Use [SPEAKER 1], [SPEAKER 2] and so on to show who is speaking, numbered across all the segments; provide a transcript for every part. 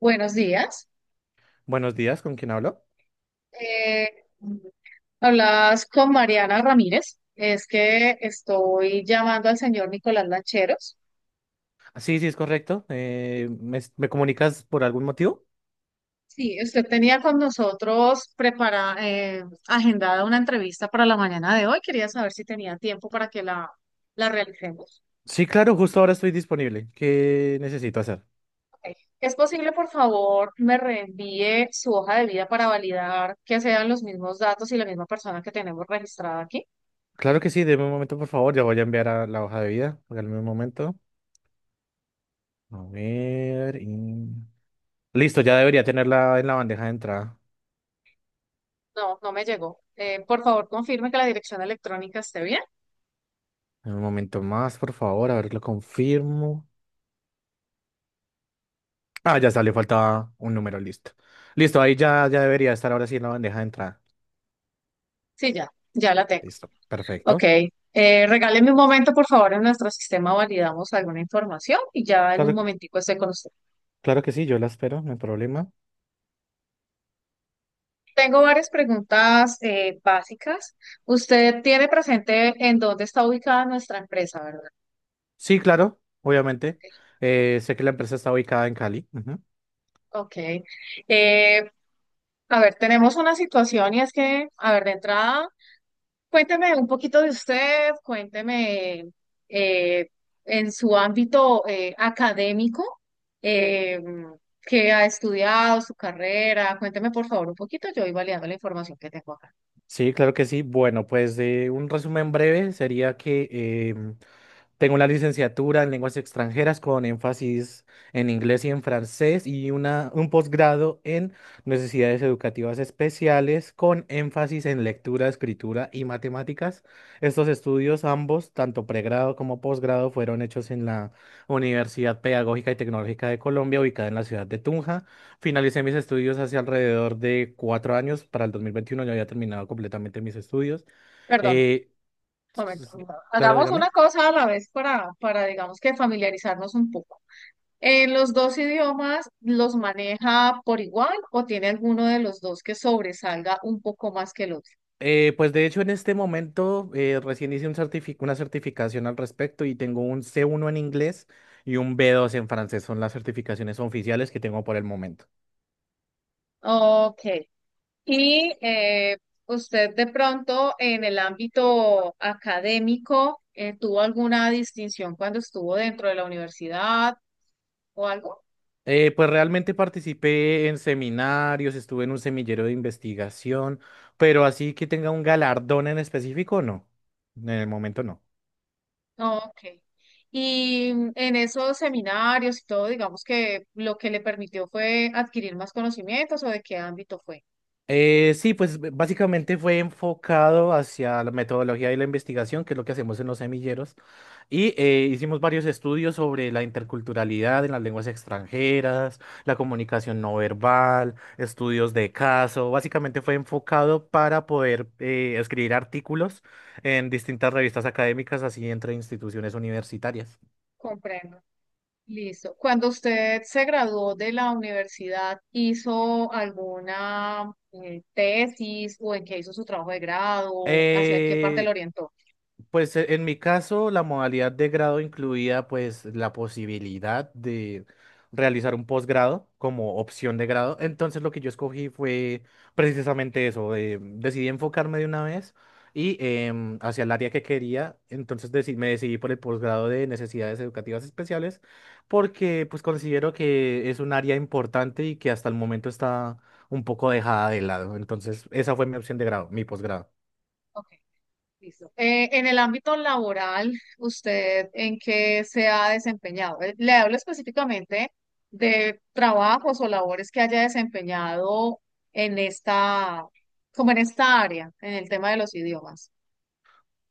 [SPEAKER 1] Buenos días.
[SPEAKER 2] Buenos días, ¿con quién hablo?
[SPEAKER 1] Eh, Hablas con Mariana Ramírez. Es que estoy llamando al señor Nicolás Lancheros.
[SPEAKER 2] Ah, sí, sí, es correcto. ¿Me comunicas por algún motivo?
[SPEAKER 1] Sí, usted tenía con nosotros prepara, agendada una entrevista para la mañana de hoy. Quería saber si tenía tiempo para que la realicemos.
[SPEAKER 2] Sí, claro, justo ahora estoy disponible. ¿Qué necesito hacer?
[SPEAKER 1] Ok. ¿Es posible, por favor, me reenvíe su hoja de vida para validar que sean los mismos datos y la misma persona que tenemos registrada aquí?
[SPEAKER 2] Claro que sí, deme un momento, por favor. Ya voy a enviar a la hoja de vida. Regálame un momento. A ver. Listo, ya debería tenerla en la bandeja de entrada.
[SPEAKER 1] No, no me llegó. Por favor, confirme que la dirección electrónica esté bien.
[SPEAKER 2] Un momento más, por favor, a ver, lo confirmo. Ah, ya salió, faltaba un número, listo. Listo, ahí ya debería estar ahora sí en la bandeja de entrada.
[SPEAKER 1] Sí, ya la tengo.
[SPEAKER 2] Listo,
[SPEAKER 1] Ok.
[SPEAKER 2] perfecto.
[SPEAKER 1] Regáleme un momento, por favor, en nuestro sistema validamos alguna información y ya en un
[SPEAKER 2] Claro, que-
[SPEAKER 1] momentico estoy con usted.
[SPEAKER 2] claro que sí, yo la espero, no hay problema.
[SPEAKER 1] Tengo varias preguntas básicas. Usted tiene presente en dónde está ubicada nuestra empresa, ¿verdad?
[SPEAKER 2] Sí, claro, obviamente.
[SPEAKER 1] Ok.
[SPEAKER 2] Sé que la empresa está ubicada en Cali. Ujú.
[SPEAKER 1] Ok. Eh, a ver, tenemos una situación y es que, a ver, de entrada, cuénteme un poquito de usted, cuénteme eh, en su ámbito académico, eh, qué ha estudiado, su carrera. Cuénteme por favor un poquito, yo voy validando la información que tengo acá.
[SPEAKER 2] Sí, claro que sí. Bueno, pues de un resumen breve sería que tengo la licenciatura en lenguas extranjeras con énfasis en inglés y en francés y una, un posgrado en necesidades educativas especiales con énfasis en lectura, escritura y matemáticas. Estos estudios, ambos, tanto pregrado como posgrado, fueron hechos en la Universidad Pedagógica y Tecnológica de Colombia, ubicada en la ciudad de Tunja. Finalicé mis estudios hace alrededor de 4 años. Para el 2021 ya había terminado completamente mis estudios.
[SPEAKER 1] Perdón,
[SPEAKER 2] Eh,
[SPEAKER 1] un
[SPEAKER 2] s-
[SPEAKER 1] momento.
[SPEAKER 2] s- claro,
[SPEAKER 1] Hagamos
[SPEAKER 2] dígame.
[SPEAKER 1] una cosa a la vez para digamos que familiarizarnos un poco. ¿En los dos idiomas los maneja por igual o tiene alguno de los dos que sobresalga un poco más que el otro?
[SPEAKER 2] Pues de hecho en este momento recién hice un una certificación al respecto y tengo un C1 en inglés y un B2 en francés. Son las certificaciones oficiales que tengo por el momento.
[SPEAKER 1] Ok. Y usted de pronto en el ámbito académico tuvo alguna distinción cuando estuvo dentro de la universidad o algo.
[SPEAKER 2] Pues realmente participé en seminarios, estuve en un semillero de investigación, pero así que tenga un galardón en específico, no. En el momento no.
[SPEAKER 1] No, ok. Y en esos seminarios y todo, digamos que lo que le permitió fue adquirir más conocimientos o de qué ámbito fue.
[SPEAKER 2] Sí, pues básicamente fue enfocado hacia la metodología y la investigación, que es lo que hacemos en los semilleros, y hicimos varios estudios sobre la interculturalidad en las lenguas extranjeras, la comunicación no verbal, estudios de caso, básicamente fue enfocado para poder escribir artículos en distintas revistas académicas, así entre instituciones universitarias.
[SPEAKER 1] Comprendo. Listo. Cuando usted se graduó de la universidad, ¿hizo alguna tesis o en qué hizo su trabajo de grado? ¿Hacia qué parte lo
[SPEAKER 2] Eh,
[SPEAKER 1] orientó?
[SPEAKER 2] Pues en mi caso, la modalidad de grado incluía pues la posibilidad de realizar un posgrado como opción de grado. Entonces lo que yo escogí fue precisamente eso. Decidí enfocarme de una vez y hacia el área que quería. Entonces me decidí por el posgrado de necesidades educativas especiales porque pues considero que es un área importante y que hasta el momento está un poco dejada de lado. Entonces esa fue mi opción de grado, mi posgrado.
[SPEAKER 1] Ok, listo. En el ámbito laboral, ¿usted en qué se ha desempeñado? Le hablo específicamente de trabajos o labores que haya desempeñado en como en esta área, en el tema de los idiomas.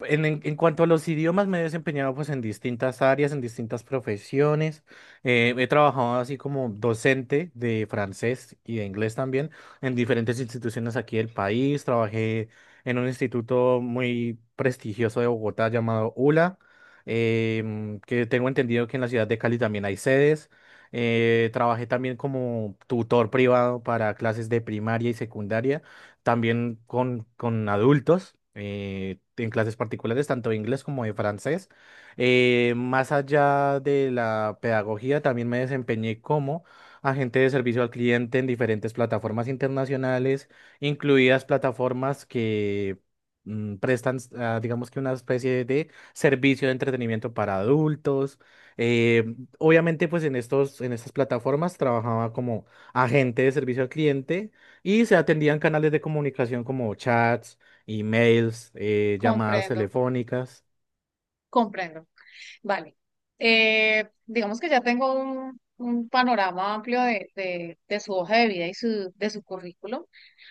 [SPEAKER 2] En cuanto a los idiomas, me he desempeñado pues en distintas áreas, en distintas profesiones. He trabajado así como docente de francés y de inglés también en diferentes instituciones aquí del país. Trabajé en un instituto muy prestigioso de Bogotá llamado ULA, que tengo entendido que en la ciudad de Cali también hay sedes. Trabajé también como tutor privado para clases de primaria y secundaria también con adultos en clases particulares, tanto de inglés como de francés. Más allá de la pedagogía, también me desempeñé como agente de servicio al cliente en diferentes plataformas internacionales, incluidas plataformas que prestan, ah, digamos que una especie de servicio de entretenimiento para adultos. Obviamente, pues en estos, en estas plataformas trabajaba como agente de servicio al cliente y se atendían canales de comunicación como chats, emails, llamadas
[SPEAKER 1] Comprendo,
[SPEAKER 2] telefónicas.
[SPEAKER 1] comprendo. Vale. Digamos que ya tengo un panorama amplio de su hoja de vida y de su currículum.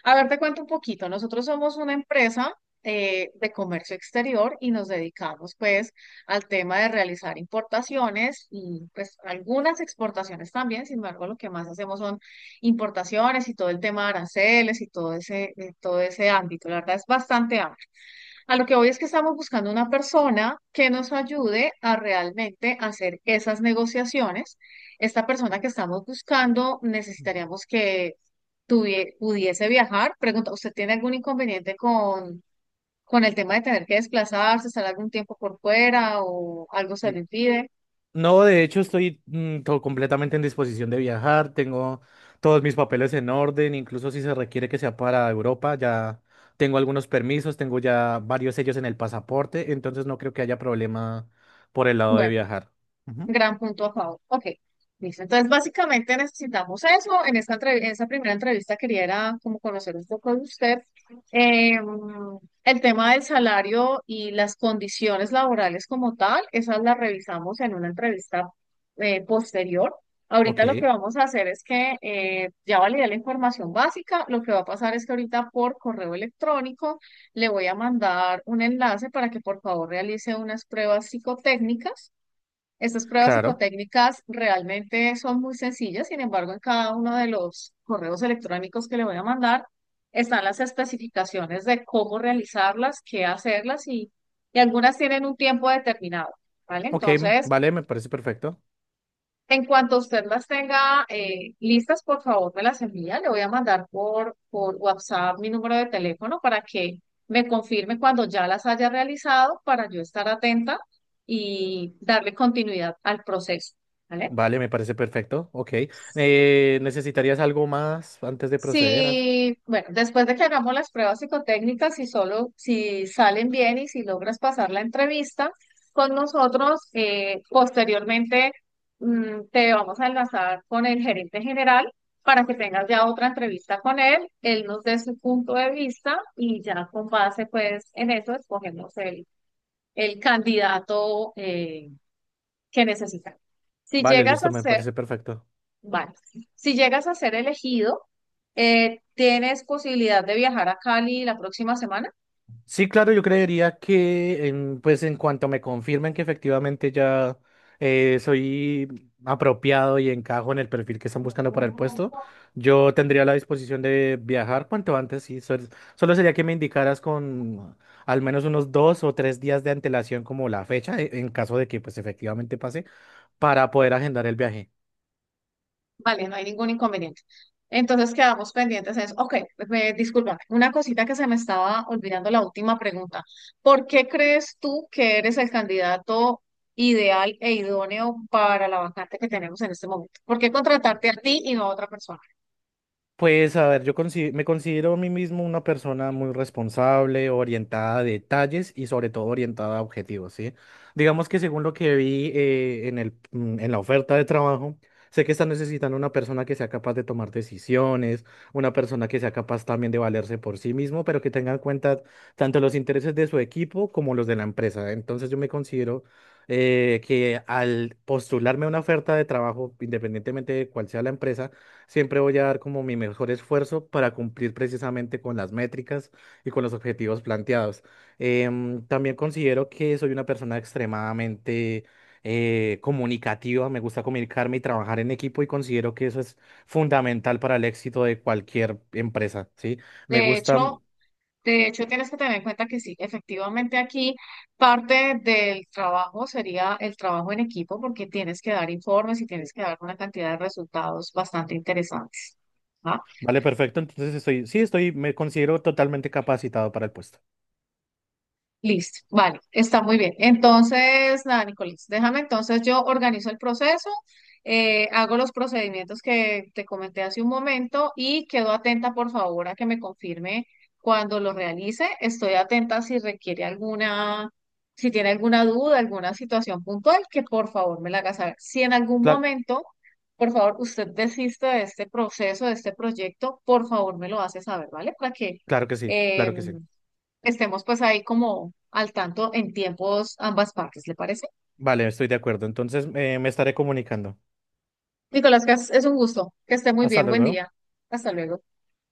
[SPEAKER 1] A ver, te cuento un poquito. Nosotros somos una empresa de comercio exterior y nos dedicamos pues al tema de realizar importaciones y pues algunas exportaciones también. Sin embargo, lo que más hacemos son importaciones y todo el tema de aranceles y todo ese ámbito. La verdad es bastante amplio. A lo que hoy es que estamos buscando una persona que nos ayude a realmente hacer esas negociaciones. Esta persona que estamos buscando necesitaríamos que tuvie- pudiese viajar. Pregunta, ¿usted tiene algún inconveniente con el tema de tener que desplazarse, estar algún tiempo por fuera o algo se
[SPEAKER 2] N-
[SPEAKER 1] le impide?
[SPEAKER 2] No, de hecho, estoy completamente en disposición de viajar. Tengo todos mis papeles en orden, incluso si se requiere que sea para Europa. Ya tengo algunos permisos, tengo ya varios sellos en el pasaporte, entonces no creo que haya problema por el lado de
[SPEAKER 1] Bueno.
[SPEAKER 2] viajar. Ujú.
[SPEAKER 1] Gran punto a favor. Ok, listo. Entonces, básicamente necesitamos eso. En entrev- en esa primera entrevista quería era como conocer un poco de usted. Eh, el tema del salario y las condiciones laborales como tal, esas las revisamos en una entrevista posterior. Ahorita lo
[SPEAKER 2] Ok,
[SPEAKER 1] que vamos a hacer es que ya validé la información básica. Lo que va a pasar es que ahorita por correo electrónico le voy a mandar un enlace para que por favor realice unas pruebas psicotécnicas. Estas pruebas
[SPEAKER 2] claro.
[SPEAKER 1] psicotécnicas realmente son muy sencillas, sin embargo, en cada uno de los correos electrónicos que le voy a mandar están las especificaciones de cómo realizarlas, qué hacerlas y algunas tienen un tiempo determinado, ¿vale?
[SPEAKER 2] Ok,
[SPEAKER 1] Entonces,
[SPEAKER 2] vale, me parece perfecto.
[SPEAKER 1] en cuanto usted las tenga listas, por favor me las envía. Le voy a mandar por WhatsApp mi número de teléfono para que me confirme cuando ya las haya realizado para yo estar atenta y darle continuidad al proceso, ¿vale?
[SPEAKER 2] Vale, me parece perfecto. Ok. ¿Necesitarías algo más antes de proceder?
[SPEAKER 1] Sí, bueno, después de que hagamos las pruebas psicotécnicas, si solo, si salen bien y si logras pasar la entrevista con nosotros, posteriormente te vamos a enlazar con el gerente general para que tengas ya otra entrevista con él, él nos dé su punto de vista y ya con base pues en eso escogemos el candidato que necesitamos. Si
[SPEAKER 2] Vale,
[SPEAKER 1] llegas
[SPEAKER 2] listo,
[SPEAKER 1] a
[SPEAKER 2] me
[SPEAKER 1] ser...
[SPEAKER 2] parece perfecto.
[SPEAKER 1] Vale. Si llegas a ser elegido, ¿tienes posibilidad de viajar a Cali la próxima semana?
[SPEAKER 2] Sí, claro, yo creería que pues en cuanto me confirmen que efectivamente ya soy apropiado y encajo en el perfil que están buscando para el puesto, yo tendría la disposición de viajar cuanto antes. Sí, solo sería que me indicaras con al menos unos 2 o 3 días de antelación como la fecha, en caso de que pues efectivamente pase, para poder agendar el viaje.
[SPEAKER 1] Vale, no hay ningún inconveniente. Entonces quedamos pendientes en eso. Ok, me, disculpa, una cosita que se me estaba olvidando, la última pregunta. ¿Por qué crees tú que eres el candidato ideal e idóneo para la vacante que tenemos en este momento? ¿Por qué contratarte a ti y no a otra persona?
[SPEAKER 2] Pues a ver, yo me considero a mí mismo una persona muy responsable, orientada a detalles y sobre todo orientada a objetivos, ¿sí? Digamos que según lo que vi en el, en la oferta de trabajo, sé que están necesitando una persona que sea capaz de tomar decisiones, una persona que sea capaz también de valerse por sí mismo, pero que tenga en cuenta tanto los intereses de su equipo como los de la empresa. Entonces yo me considero que al postularme a una oferta de trabajo, independientemente de cuál sea la empresa, siempre voy a dar como mi mejor esfuerzo para cumplir precisamente con las métricas y con los objetivos planteados. También considero que soy una persona extremadamente comunicativa, me gusta comunicarme y trabajar en equipo y considero que eso es fundamental para el éxito de cualquier empresa, ¿sí? Me
[SPEAKER 1] De
[SPEAKER 2] gusta,
[SPEAKER 1] hecho, De hecho, tienes que tener en cuenta que sí, efectivamente aquí parte del trabajo sería el trabajo en equipo porque tienes que dar informes y tienes que dar una cantidad de resultados bastante interesantes. ¿Va?
[SPEAKER 2] vale, perfecto, entonces estoy, sí, estoy, me considero totalmente capacitado para el puesto.
[SPEAKER 1] Listo, vale, está muy bien. Entonces, nada, Nicolás, déjame entonces yo organizo el proceso, hago los procedimientos que te comenté hace un momento y quedo atenta, por favor, a que me confirme cuando lo realice. Estoy atenta si requiere alguna, si tiene alguna duda, alguna situación puntual, que por favor me la haga saber. Si en algún
[SPEAKER 2] Cla-
[SPEAKER 1] momento, por favor, usted desiste de este proceso, de este proyecto, por favor me lo hace saber, ¿vale? Para que...
[SPEAKER 2] claro que sí, claro que sí.
[SPEAKER 1] em, estemos pues ahí como al tanto en tiempos ambas partes, ¿le parece?
[SPEAKER 2] Vale, estoy de acuerdo, entonces me estaré comunicando.
[SPEAKER 1] Nicolás, que es un gusto, que esté muy
[SPEAKER 2] Hasta
[SPEAKER 1] bien, buen
[SPEAKER 2] luego.
[SPEAKER 1] día, hasta luego.